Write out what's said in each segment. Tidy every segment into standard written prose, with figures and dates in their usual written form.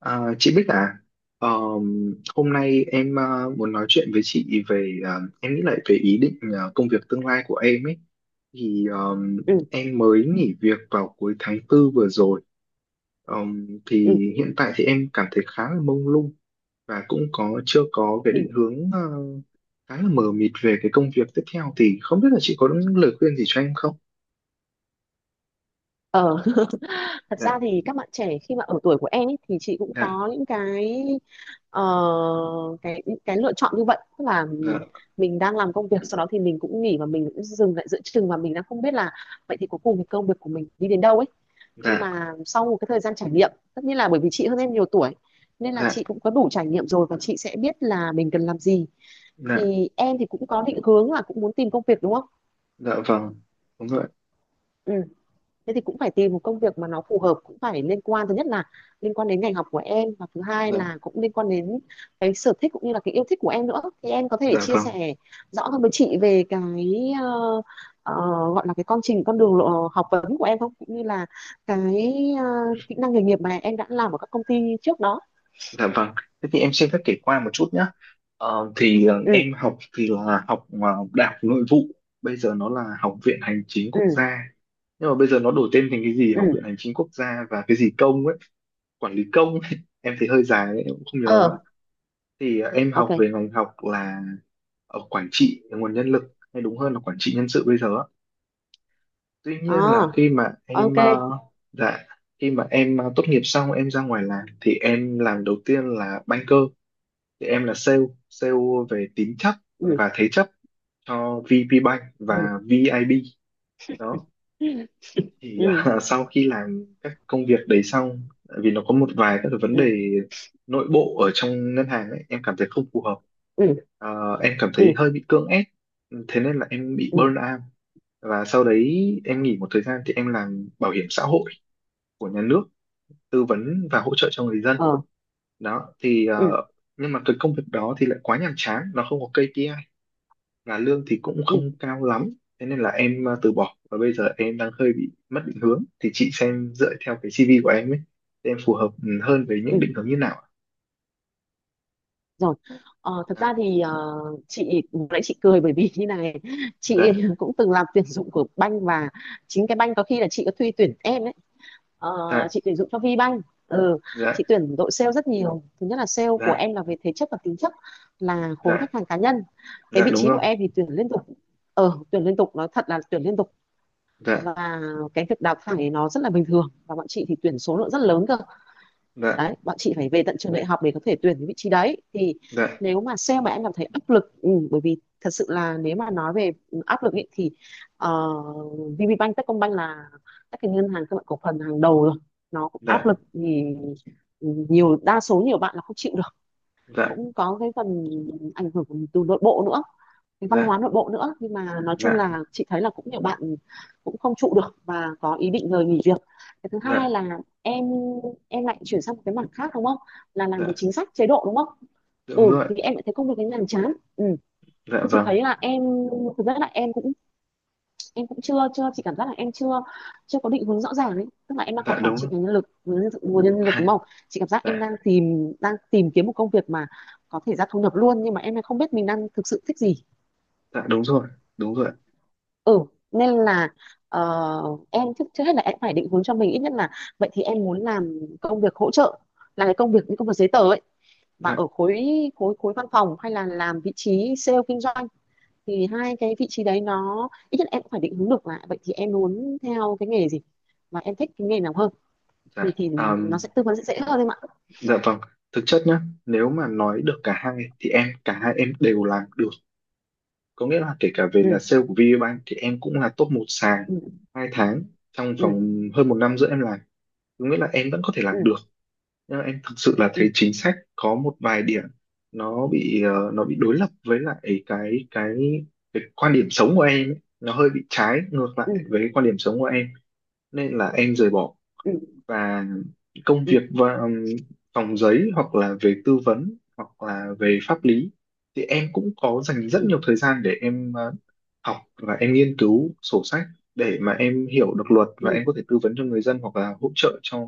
À, chị Bích à, ờ, hôm nay em muốn nói chuyện với chị về em nghĩ lại về ý định công việc tương lai của em ấy thì ừ em mới nghỉ việc vào cuối tháng tư vừa rồi. Ờ, ừ thì hiện tại thì em cảm thấy khá là mông lung và cũng có chưa có cái ừ định hướng, khá là mờ mịt về cái công việc tiếp theo. Thì không biết là chị có những lời khuyên gì cho em không? ờ Thật ra Dạ, thì các bạn trẻ khi mà ở tuổi của em ấy thì chị cũng dạ, có những cái ờ, lựa chọn như vậy, tức là dạ, mình đang làm công việc sau đó thì mình cũng nghỉ và mình cũng dừng lại giữa chừng và mình đang không biết là vậy thì cuối cùng thì công việc của mình đi đến đâu ấy. Nhưng dạ, mà sau một cái thời gian trải nghiệm, tất nhiên là bởi vì chị hơn em nhiều tuổi nên là dạ, chị cũng có đủ trải nghiệm rồi và chị sẽ biết là mình cần làm gì. dạ, Thì em thì cũng có định hướng là cũng muốn tìm công việc đúng không. dạ, vâng, đúng rồi, Ừ, thế thì cũng phải tìm một công việc mà nó phù hợp, cũng phải liên quan, thứ nhất là liên quan đến ngành học của em, và thứ hai dạ, là cũng liên quan đến cái sở thích cũng như là cái yêu thích của em nữa. Thì em có thể dạ chia vâng. sẻ rõ hơn với chị về ờ, gọi là cái con trình con đường lộ học vấn của em không, cũng như là cái ờ, kỹ năng nghề nghiệp mà em đã làm ở các công ty trước đó. Dạ vâng, thế thì em xin phép kể qua một chút nhé. Ừ Em học thì là học, đại học nội vụ, bây giờ nó là Học viện Hành chính Quốc ừ gia. Nhưng mà bây giờ nó đổi tên thành cái gì ừ Học viện Hành chính Quốc gia và cái gì công ấy, quản lý công ấy. Em thấy hơi dài ấy, em cũng không nhớ ờ lắm. Thì em ok. học về ngành học là ở quản trị nguồn nhân lực, hay đúng hơn là quản trị nhân sự bây giờ á. Tuy ờ nhiên là khi mà em ok. ờ, dạ khi mà em ờ, tốt nghiệp xong em ra ngoài làm thì em làm đầu tiên là banker, thì em là sale sale về tín chấp ừ và thế chấp cho VP Bank ừ và VIB đó. ừ Thì à, ừ sau khi làm các công việc đấy xong, tại vì nó có một vài các cái vấn ừ đề nội bộ ở trong ngân hàng ấy, em cảm thấy không phù hợp. À, em cảm ừ thấy hơi bị cưỡng ép, thế nên là em bị ừ burn out. Và sau đấy em nghỉ một thời gian thì em làm bảo hiểm xã hội của nhà nước, tư vấn và hỗ trợ cho người dân ờ đó. Thì ừ nhưng mà cái công việc đó thì lại quá nhàm chán, nó không có KPI và lương thì cũng không cao lắm, thế nên là em từ bỏ. Và bây giờ em đang hơi bị mất định hướng, thì chị xem dựa theo cái CV của em ấy thì em phù hợp hơn với ừ những định hướng như nào ạ? Rồi, ờ, thật Dạ, ra thì chị lúc nãy chị cười bởi vì như này, chị dạ, cũng từng làm tuyển dụng của banh và chính cái banh có khi là chị có thuê tuyển em ấy. Ờ, dạ, chị tuyển dụng cho VBank. Ừ, dạ, chị tuyển đội sale rất nhiều, thứ nhất là sale của dạ, em là về thể chất và tính chất, là khối khách dạ, hàng cá nhân. Cái dạ vị đúng trí của rồi. em thì tuyển liên tục, tuyển liên tục, nói thật là tuyển liên tục. Dạ, Và cái việc đào thải nó rất là bình thường, và bọn chị thì tuyển số lượng rất lớn cơ, dạ, đấy bọn chị phải về tận trường đại học để có thể tuyển cái vị trí đấy. Thì dạ, nếu mà sale mà em cảm thấy áp lực, ừ, bởi vì thật sự là nếu mà nói về áp lực ý, thì VPBank, Techcombank là các cái ngân hàng các bạn cổ phần hàng đầu rồi, nó cũng áp dạ, lực thì ừ, nhiều, đa số nhiều bạn là không chịu được. dạ, Cũng có cái phần ảnh hưởng từ nội bộ nữa, cái văn dạ, hóa nội bộ nữa, nhưng mà nói chung dạ, là chị thấy là cũng nhiều bạn cũng không trụ được và có ý định rời nghỉ việc. Cái thứ hai dạ, là em lại chuyển sang một cái mảng khác đúng không, là làm về dạ chính sách chế độ đúng không. Ừ, đúng rồi. thì em lại thấy công việc ấy nhàm chán. Ừ, Dạ thì chị vâng. thấy là em thực ra là em cũng chưa chưa chị cảm giác là em chưa chưa có định hướng rõ ràng ấy, tức là em đang học Dạ quản đúng trị rồi. ngành nhân lực, nguồn nhân lực đúng Dạ, không. Chị cảm giác em dạ, đang tìm kiếm một công việc mà có thể ra thu nhập luôn, nhưng mà em lại không biết mình đang thực sự thích gì. dạ, đúng rồi, đúng rồi. Ừ, nên là ờ, em trước trước hết là em phải định hướng cho mình ít nhất là vậy thì em muốn làm công việc hỗ trợ, là cái công việc những công việc giấy tờ ấy, mà Dạ, ở khối, khối văn phòng, hay là làm vị trí sale kinh doanh. Thì hai cái vị trí đấy nó ít nhất em cũng phải định hướng được là vậy thì em muốn theo cái nghề gì, mà em thích cái nghề nào hơn. dạ. Thì nó sẽ tư vấn sẽ dễ hơn em ạ. Dạ vâng, thực chất nhá, nếu mà nói được cả hai thì em cả hai em đều làm được. Có nghĩa là kể cả về Ừ là sale của VPBank thì em cũng là top một sàn ừ hai tháng trong ừ vòng hơn một năm giữa em làm, có nghĩa là em vẫn có thể làm ừ được. Nhưng mà em thực sự là ừ thấy chính sách có một vài điểm, nó bị nó bị đối lập với lại cái cái cái quan điểm sống của em ấy. Nó hơi bị trái ngược ừ lại với quan điểm sống của em, nên là em rời bỏ ừ và công ừ việc. Và phòng giấy hoặc là về tư vấn hoặc là về pháp lý thì em cũng có dành rất ừ nhiều thời gian để em học và em nghiên cứu sổ sách để mà em hiểu được luật, ừ và em có thể tư vấn cho người dân hoặc là hỗ trợ cho,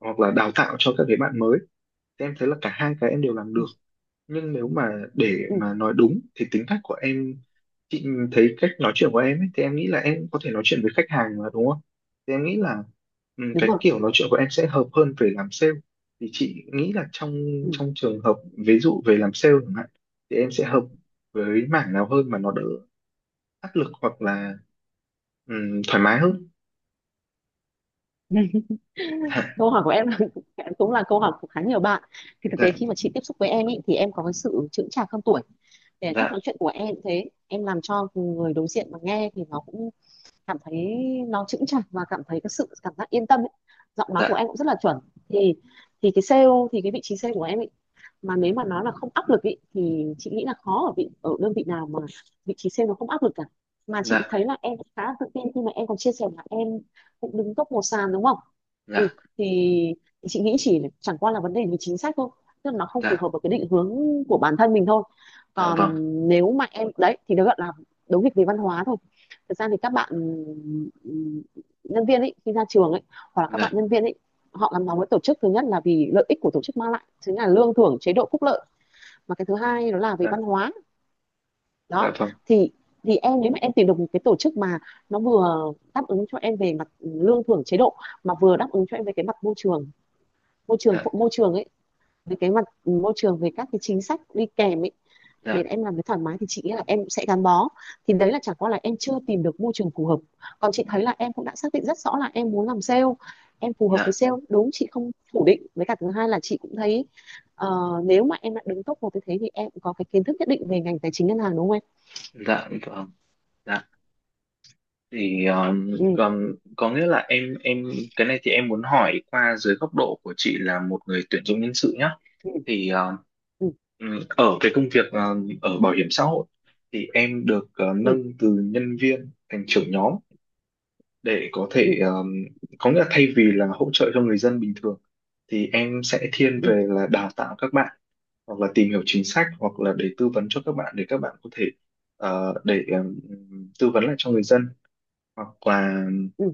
hoặc là đào tạo cho các cái bạn mới. Thì em thấy là cả hai cái em đều làm được. ừ Nhưng nếu mà để Ừ, mà nói đúng thì tính cách của em, chị thấy cách nói chuyện của em ấy, thì em nghĩ là em có thể nói chuyện với khách hàng mà, đúng không? Thì em nghĩ là đúng cái rồi. kiểu nói chuyện của em sẽ hợp hơn về làm sale. Thì chị nghĩ là trong Ừ, trong trường hợp ví dụ về làm sale chẳng hạn, thì em sẽ hợp với mảng nào hơn mà nó đỡ áp lực hoặc là thoải mái hơn? câu hỏi của em là- cũng là câu hỏi của khá nhiều bạn. Thì thực Dạ, tế khi mà chị tiếp xúc với em ý, thì em có cái sự chững chạc hơn tuổi, để cách nói dạ, chuyện của em cũng thế, em làm cho người đối diện mà nghe thì nó cũng cảm thấy nó chững chạc và cảm thấy cái sự cảm giác yên tâm ấy. Giọng nói dạ, của dạ, em cũng rất là chuẩn. Thì thì cái sale thì cái vị trí sale của em ấy, mà nếu mà nó là không áp lực ý, thì chị nghĩ là khó, ở vị ở đơn vị nào mà vị trí sale nó không áp lực cả. Mà chị dạ, thấy là em cũng khá tự tin khi mà em còn chia sẻ là em cũng đứng top một sàn đúng không. Ừ, dạ, thì, thì chị nghĩ chỉ chẳng qua là vấn đề về chính sách thôi, tức là nó không phù dạ, hợp với cái định hướng của bản thân mình thôi. dạ Còn vâng, nếu mà em đấy thì nó gọi là đấu nghịch về văn hóa thôi. Thực ra thì các bạn nhân viên ấy khi ra trường ấy, hoặc là các bạn dạ, nhân viên ấy, họ gắn bó với tổ chức thứ nhất là vì lợi ích của tổ chức mang lại chính là lương thưởng chế độ phúc lợi, mà cái thứ hai đó là về dạ, văn hóa đó. dạ vâng, Thì thì em nếu mà em tìm được một cái tổ chức mà nó vừa đáp ứng cho em về mặt lương thưởng chế độ, mà vừa đáp ứng cho em về cái mặt môi trường, môi trường dạ, môi trường ấy, về cái mặt môi trường, về các cái chính sách đi kèm ấy, để dạ, em làm việc thoải mái, thì chị nghĩ là em sẽ gắn bó. Thì đấy là chẳng qua là em chưa tìm được môi trường phù hợp. Còn chị thấy là em cũng đã xác định rất rõ là em muốn làm sale, em phù hợp với dạ, sale đúng, chị không phủ định. Với cả thứ hai là chị cũng thấy ờ, nếu mà em đã đứng top một như thế thì em cũng có cái kiến thức nhất định về ngành tài chính ngân hàng đúng không em. dạ vâng, dạ thì Ừ còn có nghĩa là em, cái này thì em muốn hỏi qua dưới góc độ của chị là một người tuyển dụng nhân sự nhá. ừ Thì ở cái công việc ở bảo hiểm xã hội, thì em được ừ nâng từ nhân viên thành trưởng nhóm để có ừ thể, có nghĩa là thay vì là hỗ trợ cho người dân bình thường thì em sẽ thiên ừ về là đào tạo các bạn, hoặc là tìm hiểu chính sách, hoặc là để tư vấn cho các bạn để các bạn có thể ờ, để tư vấn lại cho người dân hoặc là. ừ ừ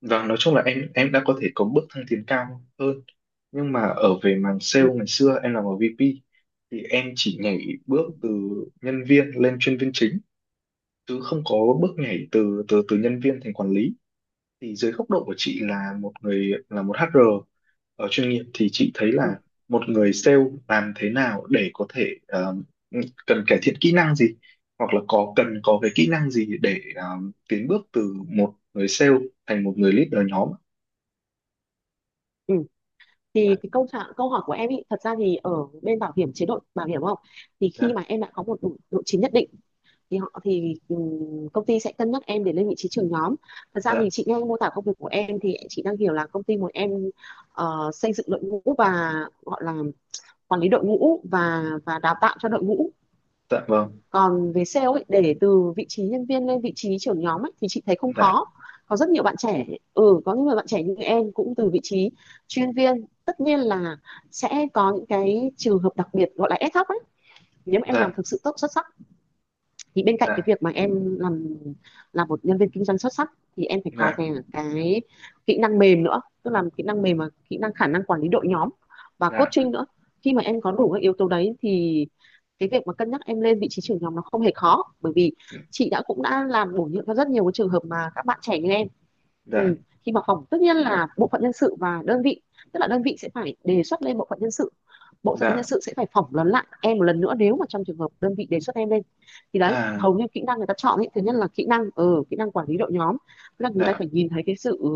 Và nói chung là em đã có thể có bước thăng tiến cao hơn. Nhưng mà ở về mảng ừ sale ngày xưa em làm ở VP thì em chỉ nhảy bước ừ từ nhân viên lên chuyên viên chính, chứ không có bước nhảy từ từ từ nhân viên thành quản lý. Thì dưới góc độ của chị là một người là một HR ở chuyên nghiệp, thì chị thấy ừ là một người sale làm thế nào để có thể ừ, cần cải thiện kỹ năng gì, hoặc là có cần có cái kỹ năng gì để tiến bước từ một người sale thành một người leader nhóm? ừ. Dạ, Thì cái câu hỏi của em ý, thật ra thì ở bên bảo hiểm chế độ bảo hiểm không, thì khi dạ, mà em đã có một độ chín nhất định thì họ thì công ty sẽ cân nhắc em để lên vị trí trưởng nhóm. Thật ra thì dạ, chị nghe mô tả công việc của em thì chị đang hiểu là công ty muốn em xây dựng đội ngũ và gọi là quản lý đội ngũ và đào tạo cho đội ngũ. dạ vâng, Còn về sale ấy, để từ vị trí nhân viên lên vị trí trưởng nhóm ấy, thì chị thấy không dạ, khó. Có rất nhiều bạn trẻ, ừ có những người bạn trẻ như em cũng từ vị trí chuyên viên, tất nhiên là sẽ có những cái trường hợp đặc biệt gọi là ad hoc ấy, nếu mà em làm dạ, thực sự tốt xuất sắc. Thì bên cạnh cái dạ, việc mà em làm là một nhân viên kinh doanh xuất sắc, thì em phải có dạ, cái kỹ năng mềm nữa, tức là kỹ năng mềm và kỹ năng khả năng quản lý đội nhóm và dạ, coaching nữa. Khi mà em có đủ các yếu tố đấy thì cái việc mà cân nhắc em lên vị trí trưởng nhóm nó không hề khó, bởi vì chị đã cũng đã làm bổ nhiệm cho rất nhiều cái trường hợp mà các bạn trẻ như em. Ừ. dạ, Khi mà phỏng, tất nhiên là bộ phận nhân sự và đơn vị, tức là đơn vị sẽ phải đề xuất lên bộ phận nhân sự, bộ phận nhân dạ sự sẽ phải phỏng vấn lại em một lần nữa nếu mà trong trường hợp đơn vị đề xuất em lên. Thì đấy à, hầu như kỹ năng người ta chọn ấy, thứ nhất là kỹ năng kỹ năng quản lý đội nhóm, tức là người ta dạ, phải nhìn thấy cái sự ừ,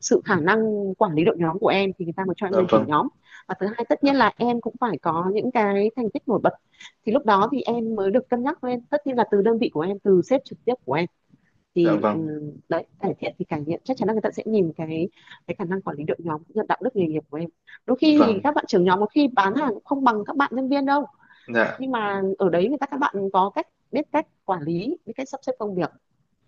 sự khả năng quản lý đội nhóm của em thì người ta mới cho em dạ lên trưởng vâng, nhóm. Và thứ hai tất dạ, nhiên là em cũng phải có những cái thành tích nổi bật, thì lúc đó thì em mới được cân nhắc lên, tất nhiên là từ đơn vị của em, từ sếp trực tiếp của em. dạ, dạ thì ừ, vâng, Đấy, cải thiện thì cải thiện chắc chắn là người ta sẽ nhìn cái khả năng quản lý đội nhóm cũng như đạo đức nghề nghiệp của em. Đôi dạ, khi dạ thì vâng, các bạn trưởng nhóm có khi bán hàng cũng không bằng các bạn nhân viên đâu, dạ, nhưng mà ở đấy người ta các bạn có cách biết cách quản lý, biết cách sắp xếp công việc,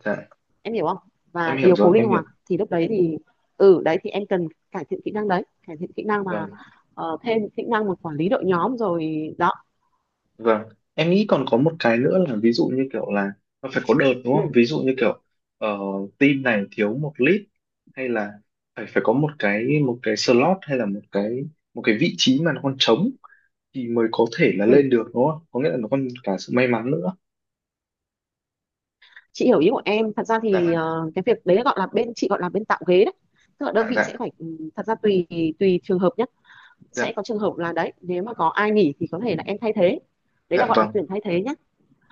dạ vâng, dạ, em hiểu không, em và hiểu điều rồi phối linh em hiểu. hoạt. Thì lúc đấy thì ừ đấy thì em cần cải thiện kỹ năng đấy, cải thiện kỹ năng mà Vâng. Thêm kỹ năng mà quản lý đội nhóm rồi đó. Vâng, em nghĩ còn có một cái nữa là ví dụ như kiểu là nó phải có đợt, đúng không? ừ, Ví dụ như kiểu ờ, team này thiếu một lead, hay là phải phải có một cái slot, hay là một cái vị trí mà nó còn trống thì mới có thể là ừ. lên được, đúng không? Có nghĩa là nó còn cả sự may mắn nữa. Chị hiểu ý của em. Thật ra thì Dạ, cái việc đấy gọi là bên chị gọi là bên tạo ghế đấy, tức là đơn dạ, vị sẽ dạ, phải thật ra tùy tùy trường hợp nhé. Sẽ dạ, có trường hợp là đấy nếu mà có ai nghỉ thì có thể là em thay thế, đấy dạ là gọi là vâng, tuyển thay thế nhé.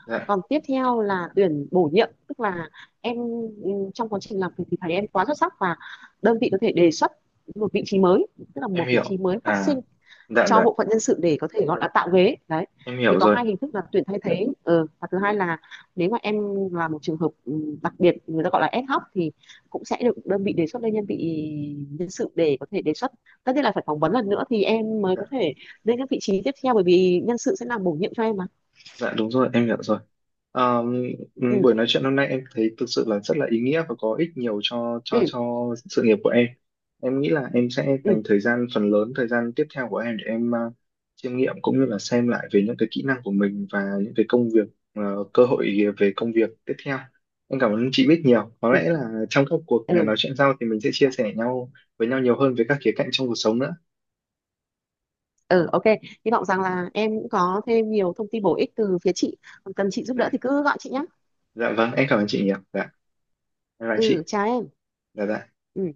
dạ, Còn tiếp theo là tuyển bổ nhiệm, tức là em trong quá trình làm việc thì thấy em quá xuất sắc và đơn vị có thể đề xuất một vị trí mới, tức là một em vị trí hiểu. mới phát À, sinh dạ, cho dạ, bộ phận nhân sự để có thể gọi là tạo ghế đấy. em Thì hiểu có rồi. hai hình thức là tuyển thay thế, ừ. Và thứ hai là nếu mà em là một trường hợp đặc biệt người ta gọi là ad hoc thì cũng sẽ được đơn vị đề xuất lên nhân sự để có thể đề xuất, tất nhiên là phải phỏng vấn lần nữa thì em mới Dạ, có thể lên các vị trí tiếp theo, bởi vì nhân sự sẽ làm bổ nhiệm cho em mà. dạ đúng rồi, em hiểu rồi. Ờ, ừ Buổi nói chuyện hôm nay em thấy thực sự là rất là ý nghĩa và có ích nhiều cho ừ sự nghiệp của em. Em nghĩ là em sẽ ừ dành thời gian phần lớn thời gian tiếp theo của em để em chiêm nghiệm, cũng như là xem lại về những cái kỹ năng của mình và những cái công việc, ờ, cơ hội về công việc tiếp theo. Em cảm ơn chị biết nhiều. Có ừ lẽ là trong các cuộc nói ừ, chuyện sau thì mình sẽ chia sẻ nhau với nhau nhiều hơn về các khía cạnh trong cuộc sống nữa. ừ ok, hy vọng rằng là em cũng có thêm nhiều thông tin bổ ích từ phía chị. Còn cần chị giúp Dạ, đỡ thì cứ gọi chị nhé. dạ vâng, em cảm ơn chị nhiều. Dạ, bye bye Ừ, chị. chào em. Dạ dạ. Ừ.